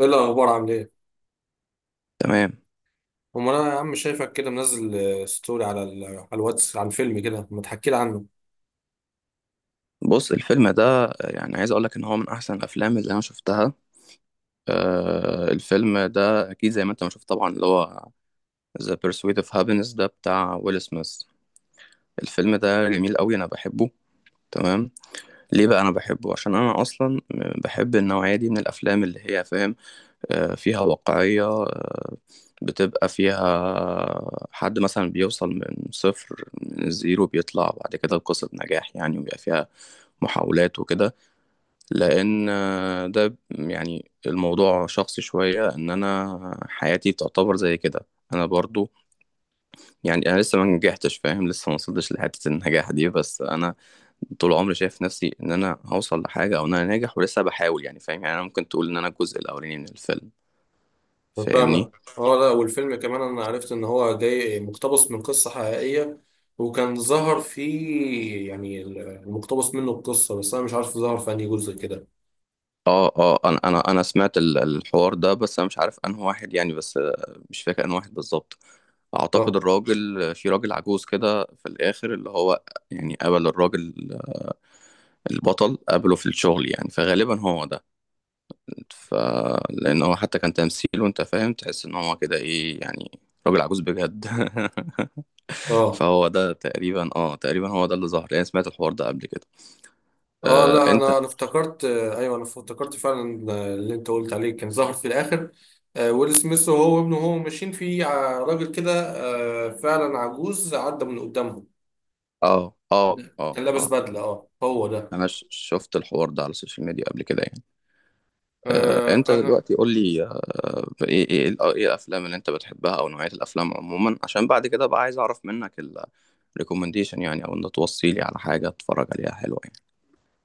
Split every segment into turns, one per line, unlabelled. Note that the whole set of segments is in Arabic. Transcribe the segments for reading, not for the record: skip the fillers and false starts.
ايه الاخبار؟ عامل ايه؟
تمام.
امال انا يا عم شايفك كده منزل. ستوري على على الواتس عن فيلم كده، ما تحكي لي عنه.
بص، الفيلم ده يعني عايز اقول لك ان هو من احسن الافلام اللي انا شفتها. آه، الفيلم ده اكيد زي ما انت ما شفت طبعا، اللي هو The Pursuit of Happiness ده بتاع ويل سميث. الفيلم ده جميل قوي، انا بحبه. تمام. ليه بقى انا بحبه؟ عشان انا اصلا بحب النوعية دي من الافلام اللي هي فاهم، آه، فيها واقعية. آه، بتبقى فيها حد مثلا بيوصل من صفر، من الزيرو، بيطلع بعد كده لقصة نجاح يعني، وبيبقى فيها محاولات وكده. لان ده يعني الموضوع شخصي شوية، ان انا حياتي تعتبر زي كده. انا برضو، يعني انا لسه ما نجحتش، فاهم، لسه ما وصلتش لحتة النجاح دي، بس انا طول عمري شايف نفسي ان انا هوصل لحاجة او ان انا ناجح ولسه بحاول يعني، فاهم، يعني انا ممكن تقول ان انا الجزء الاولاني من الفيلم.
أنا
فاهمني؟
فاهمك. اه لا، والفيلم كمان انا عرفت ان هو جاي مقتبس من قصة حقيقية، وكان ظهر فيه يعني المقتبس منه القصة، بس انا مش عارف ظهر في انهي جزء كده.
اه اه، انا سمعت الحوار ده، بس انا مش عارف انه واحد يعني. بس مش فاكر انه واحد بالظبط. اعتقد
اه
الراجل، في راجل عجوز كده في الاخر اللي هو يعني قبل الراجل البطل قابله في الشغل يعني، فغالبا هو ده. ف لان هو حتى كان تمثيله، انت فاهم، تحس ان هو كده ايه يعني، راجل عجوز بجد
اه.
فهو ده تقريبا، اه، تقريبا هو ده اللي ظهر يعني، سمعت الحوار ده قبل كده.
اه
آه
لا،
انت.
انا افتكرت، ايوه انا افتكرت فعلا اللي انت قلت عليه كان ظهر في الاخر. ويل سميث وهو وابنه وهو ماشيين في راجل كده، فعلا عجوز، عدى من قدامهم.
اه اه اه
كان لابس
اه،
بدلة. اه، هو ده.
انا شفت الحوار ده على السوشيال ميديا قبل كده يعني. آه،
آه
انت
انا.
دلوقتي قول لي. آه، ايه الافلام اللي انت بتحبها او نوعية الافلام عموما، عشان بعد كده بقى عايز اعرف منك الريكومنديشن يعني، او انت توصي لي على حاجة اتفرج عليها حلوة.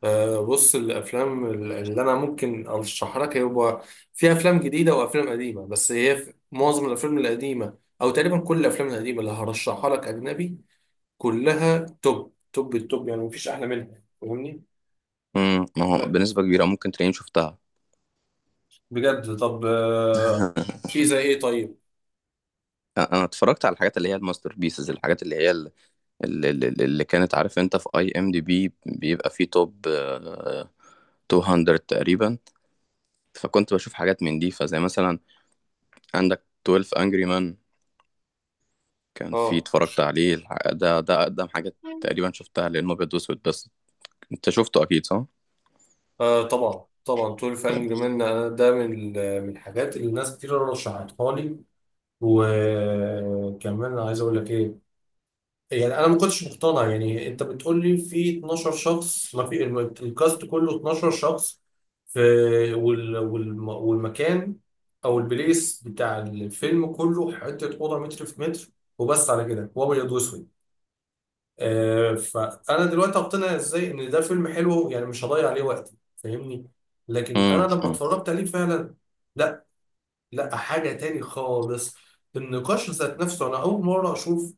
بص، الافلام اللي انا ممكن ارشحها لك هو في افلام جديده وافلام قديمه، بس هي في معظم الافلام القديمه او تقريبا كل الافلام القديمه اللي هرشحها لك اجنبي، كلها توب توب التوب يعني، مفيش احلى منها. فاهمني؟
ما هو
آه،
بنسبة كبيرة ممكن تلاقيني شفتها.
بجد. طب في زي ايه؟ طيب.
انا اتفرجت على الحاجات اللي هي الماستر بيسز، الحاجات اللي هي اللي كانت، عارف انت، في اي ام دي بي بيبقى فيه توب، 200 تقريبا. فكنت بشوف حاجات من دي، فزي مثلا عندك 12 انجري مان، كان في،
اه،
اتفرجت عليه، ده اقدم حاجة تقريبا شفتها لانه ابيض واسود بس. انت شفته اكيد صح؟
آه طبعا طبعا، 12
طيب.
انجري مان. ده من من الحاجات اللي ناس كتير رشحتها لي. وكمان أنا عايز اقول لك ايه، يعني انا ما كنتش مقتنع، يعني انت بتقول لي في 12 شخص، ما في الكاست كله 12 شخص في، والمكان او البليس بتاع الفيلم كله حته اوضه متر في متر، وبس على كده، وابيض واسود. آه، فانا دلوقتي اقتنع ازاي ان ده فيلم حلو؟ يعني مش هضيع عليه وقتي، فاهمني. لكن انا لما
امم
اتفرجت عليه فعلا، لا، لا حاجة تاني خالص. النقاش ذات نفسه أنا أول مرة أشوف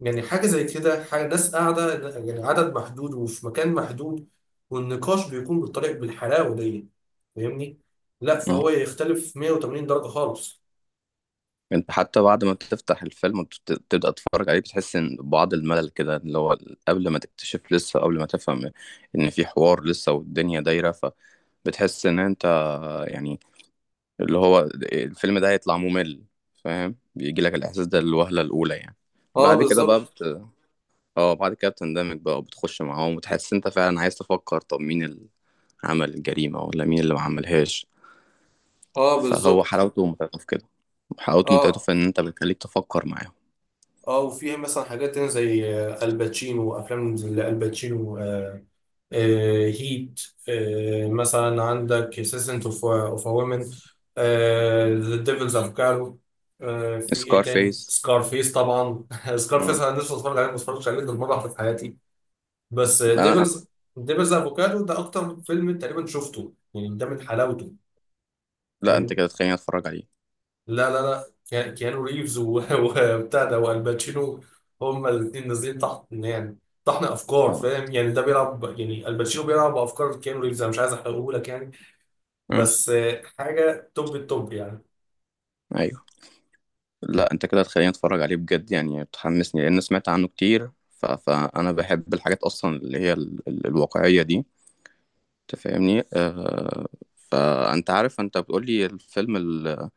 يعني حاجة زي كده، حاجة ناس قاعدة يعني عدد محدود وفي مكان محدود، والنقاش بيكون بالطريقة بالحلاوة دي. فاهمني؟ لا،
امم
فهو يختلف 180 درجة خالص.
انت حتى بعد ما بتفتح الفيلم وتبدأ تتفرج عليه بتحس ان بعض الملل كده، اللي هو قبل ما تكتشف، لسه قبل ما تفهم ان في حوار لسه والدنيا دايرة، فبتحس ان انت يعني اللي هو الفيلم ده هيطلع ممل، فاهم؟ بيجي لك الاحساس ده الوهلة الاولى يعني.
اه
بعد كده بقى
بالظبط.
بت... اه، بعد كده بتندمج بقى وبتخش معاهم، وتحس انت فعلا عايز تفكر، طب مين اللي عمل الجريمة ولا مين اللي ما عملهاش.
اه
فهو
بالظبط.
حلاوته ومتعته في كده، حلاوته ومتعته
اه
في ان انت بتخليك تفكر معاهم.
اه. وفيها مثلا حاجات تانية زي الباتشينو، وأفلام زي الباتشينو هيت، مثلا عندك سيسنت اوف وومن، ذا ديفلز افوكادو. في ايه
سكار
تاني؟
فيس.
سكارفيس طبعا. سكارفيس
مم.
انا لسه بتفرج عليه، ما اتفرجتش عليه غير مره واحده في حياتي. بس
انا
ديفلز، ديفلز افوكادو ده اكتر فيلم تقريبا شفته، يعني ده من حلاوته.
لا، انت
فاهمني؟
كده تخليني اتفرج عليه.
لا لا لا، كيانو ريفز وبتاع ده والباتشينو، هما الاثنين نازلين تحت يعني طحن افكار،
اه.
فاهم يعني؟ ده بيلعب، يعني الباتشينو بيلعب بافكار كيانو ريفز. انا مش عايز احرقه لك يعني،
مم.
بس حاجة توب التوب يعني.
ايوه. لا، انت كده تخليني اتفرج عليه بجد يعني، بتحمسني، لان سمعت عنه كتير. فانا بحب الحاجات اصلا اللي هي الواقعيه دي، انت فاهمني؟ فانت عارف، انت بتقول لي الفيلم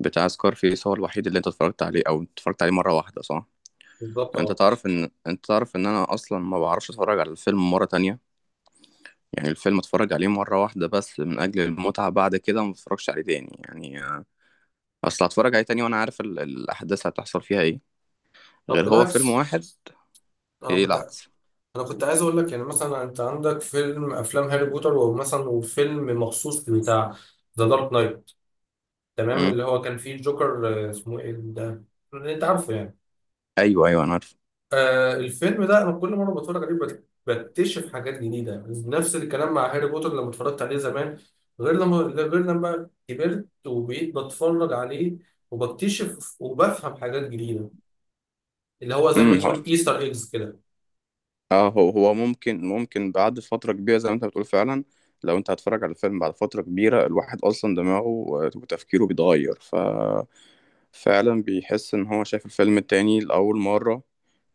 بتاع سكار فيس هو الوحيد اللي انت اتفرجت عليه، او اتفرجت عليه مره واحده، صح؟
بالظبط اه.
انت تعرف ان انا اصلا ما بعرفش اتفرج على الفيلم مره تانية، يعني الفيلم اتفرج عليه مرة واحدة بس من أجل المتعة، بعد كده ما اتفرجش عليه تاني يعني. أصل هتفرج عليه تاني وأنا عارف الأحداث هتحصل فيها إيه،
طب
غير هو فيلم
بالعكس،
واحد.
انا
إيه
كنت
العكس؟
انا كنت عايز اقول لك، يعني مثلا انت عندك فيلم، افلام هاري بوتر، ومثلا وفيلم مخصوص بتاع ذا دارك نايت، تمام،
مم.
اللي هو كان فيه الجوكر، اسمه ايه ده، اللي انت عارفه يعني.
أيوه أيوه، أنا عارف.
الفيلم ده انا كل مره بتفرج عليه بكتشف حاجات جديده. نفس الكلام مع هاري بوتر، لما اتفرجت عليه زمان غير لما، كبرت وبقيت بتفرج عليه وبكتشف وبفهم حاجات جديده، اللي هو زي ما
مم.
تقول ايستر ايجز كده.
آه، هو ممكن، بعد فترة كبيرة زي ما أنت بتقول فعلا. لو أنت هتتفرج على الفيلم بعد فترة كبيرة، الواحد أصلا دماغه، وتفكيره، بيتغير، فعلا بيحس ان هو شايف الفيلم التاني لأول مرة،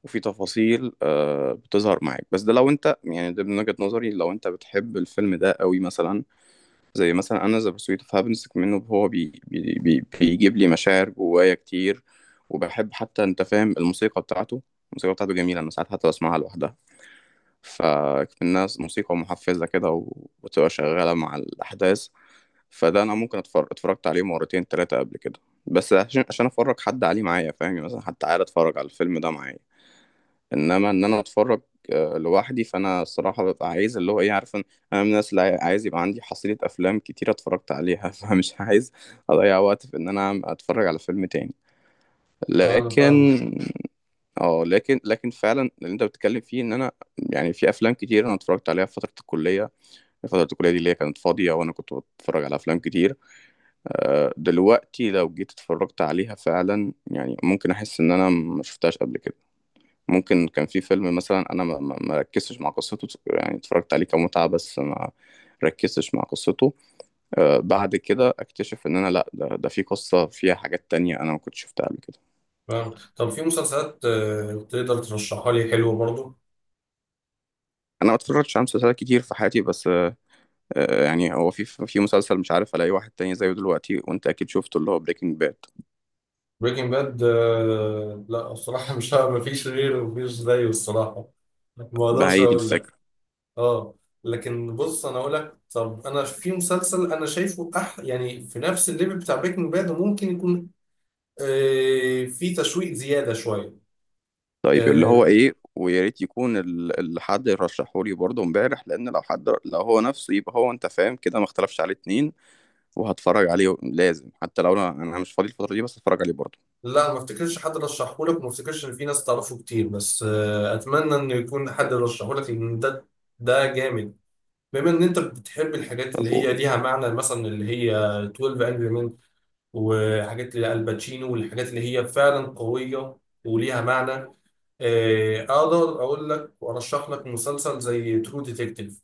وفي تفاصيل بتظهر معاك. بس ده لو انت يعني، ده من وجهة نظري، لو انت بتحب الفيلم ده قوي، مثلا زي مثلا انا ذا بيرسويت اوف هابينس منه، هو بي بي بي بيجيب لي مشاعر جوايا كتير، وبحب حتى، انت فاهم، الموسيقى بتاعته. الموسيقى بتاعته جميلة، انا ساعات حتى بسمعها لوحدها، فالناس موسيقى محفزة كده، وتبقى شغالة مع الأحداث. فده انا ممكن، اتفرجت عليه مرتين ثلاثه قبل كده، بس عشان افرج حد عليه معايا، فاهم يعني؟ مثلا حد تعالى اتفرج على الفيلم ده معايا، انما ان انا اتفرج لوحدي، فانا الصراحه ببقى عايز اللي هو ايه، عارف إن انا من الناس اللي عايز يبقى عندي حصيله افلام كتير اتفرجت عليها فمش عايز اضيع وقت في ان انا اتفرج على فيلم تاني.
آه، انا فاهم.
لكن، اه، لكن فعلا اللي انت بتتكلم فيه، ان انا يعني في افلام كتير انا اتفرجت عليها في فتره الكليه. فتره الكليه دي اللي هي كانت فاضيه وانا كنت بتفرج على افلام كتير. دلوقتي لو جيت اتفرجت عليها فعلا يعني، ممكن احس ان انا ما شفتهاش قبل كده. ممكن كان في فيلم مثلا انا ما ركزتش مع قصته يعني، اتفرجت عليه كمتعة بس ما ركزتش مع قصته. بعد كده اكتشف ان انا لا، ده في قصة فيها حاجات تانية انا ما كنتش شفتها قبل كده.
فاهم. طب في مسلسلات آه تقدر ترشحها لي حلوه برضو؟
انا ما اتفرجتش على مسلسلات كتير في حياتي، بس يعني هو في مسلسل مش عارف الاقي واحد تاني زيه دلوقتي، وانت اكيد شفته، اللي هو بريكنج باد.
بريكنج باد. آه لا، الصراحه مش ه- مفيش غيره، مفيش زيه الصراحه، ما
ما
اقدرش
هي دي
اقول لك.
الفكرة.
اه لكن بص انا اقول لك، طب انا في مسلسل انا شايفه أح يعني في نفس الليفل بتاع بريكنج باد، وممكن يكون في تشويق زياده شويه.
طيب، اللي
آه
هو ايه؟ ويا ريت يكون اللي حد رشحه لي برضه امبارح، لان لو حد، لو هو نفسه، يبقى هو انت فاهم كده ما اختلفش عليه اتنين، وهتفرج عليه لازم. حتى لو انا مش فاضي الفترة دي، بس هتفرج عليه برضه.
لا، ما افتكرش حد رشحه لك، وما افتكرش ان في ناس تعرفه كتير، بس آه اتمنى ان يكون حد رشحه لك، لان ده ده جامد. بما ان انت بتحب الحاجات
طب
اللي هي
قول.
ليها معنى، مثلا اللي هي 12 انجري مان وحاجات الباتشينو والحاجات اللي هي فعلا قويه وليها معنى، اقدر اقول لك وارشح لك مسلسل زي ترو ديتكتيف.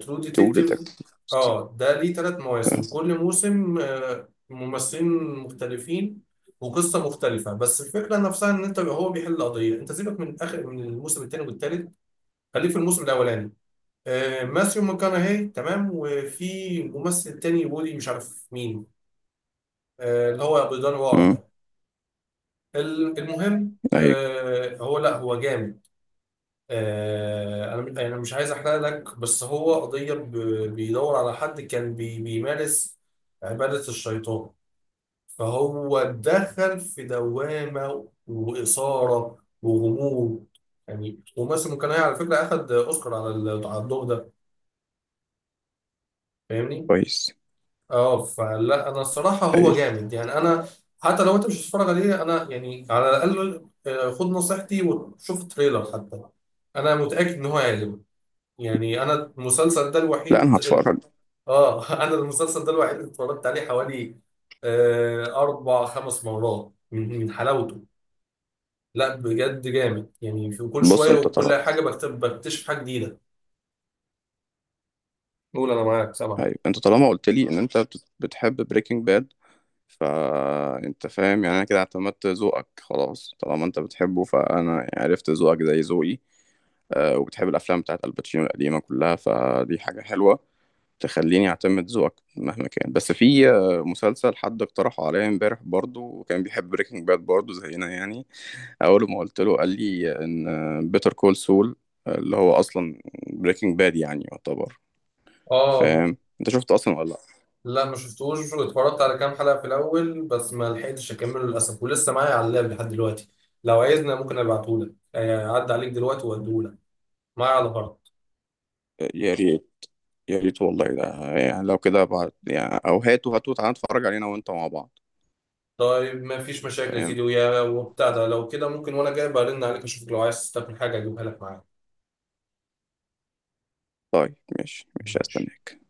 ترو
تو
ديتكتيف.
ديتكتيف.
اه، ده ليه ثلاث مواسم، كل موسم ممثلين مختلفين وقصة مختلفة، بس الفكرة نفسها ان انت هو بيحل قضية. انت سيبك من اخر، من الموسم الثاني والثالث، خليك في الموسم الاولاني. ماثيو ماكونهي، تمام، وفي ممثل تاني بودي مش عارف مين، اللي هو ابو دان ورا
امم.
ده. المهم،
ايوه.
هو، لا، هو جامد. انا يعني مش عايز احرق لك، بس هو قضيه بيدور على حد كان بيمارس عباده الشيطان، فهو دخل في دوامه واثاره وغموض يعني. وماثل ممكن على فكره اخد اوسكار على على الدور ده. فاهمني؟
كويس.
اه، فلا، انا الصراحه هو
ايوه.
جامد يعني. انا حتى لو انت مش هتتفرج عليه، انا يعني على الاقل خد نصيحتي وشوف تريلر حتى. انا متاكد ان هو هيعجبك. يعني انا المسلسل ده
لا، انا
الوحيد
هتفرج.
اه. انا المسلسل ده الوحيد اللي اتفرجت عليه حوالي اربع خمس مرات من حلاوته. لا بجد جامد، يعني في كل
بص
شويه
انت طالما
وكل حاجه بكتشف حاجه جديده. قول، انا معاك سامع.
ايوه، انت طالما قلت لي ان انت بتحب بريكنج باد، فانت فاهم يعني انا كده اعتمدت ذوقك خلاص. طالما انت بتحبه فانا عرفت ذوقك زي ذوقي، وبتحب الافلام بتاعت الباتشينو القديمه كلها، فدي حاجه حلوه تخليني اعتمد ذوقك مهما كان. بس في مسلسل حد اقترحه عليا امبارح برضو، وكان بيحب بريكنج باد برضو زينا يعني، اول ما قلت له قال لي ان بيتر كول سول، اللي هو اصلا بريكنج باد يعني يعتبر،
اه
فاهم؟ انت شفته اصلا ولا لا؟
لا، ما شفتوش، اتفرجت على كام حلقه في الاول بس ما لحقتش اكمله للاسف، ولسه معايا على اللاب لحد دلوقتي. لو عايزنا ممكن ابعتهولك، اعدي عليك دلوقتي واديهولك معايا على.
يا ريت. يا ريت والله، ده يعني لو كده بعد يعني، او هاته، هاته تعالى نتفرج علينا وانت مع بعض.
طيب، ما فيش مشاكل يا
فاهم؟
سيدي ويا وبتاع ده، لو كده ممكن وانا جاي برن عليك اشوفك، لو عايز تستقبل حاجه اجيبها لك معايا.
طيب، ماشي، مش
ماشي.
هستناك.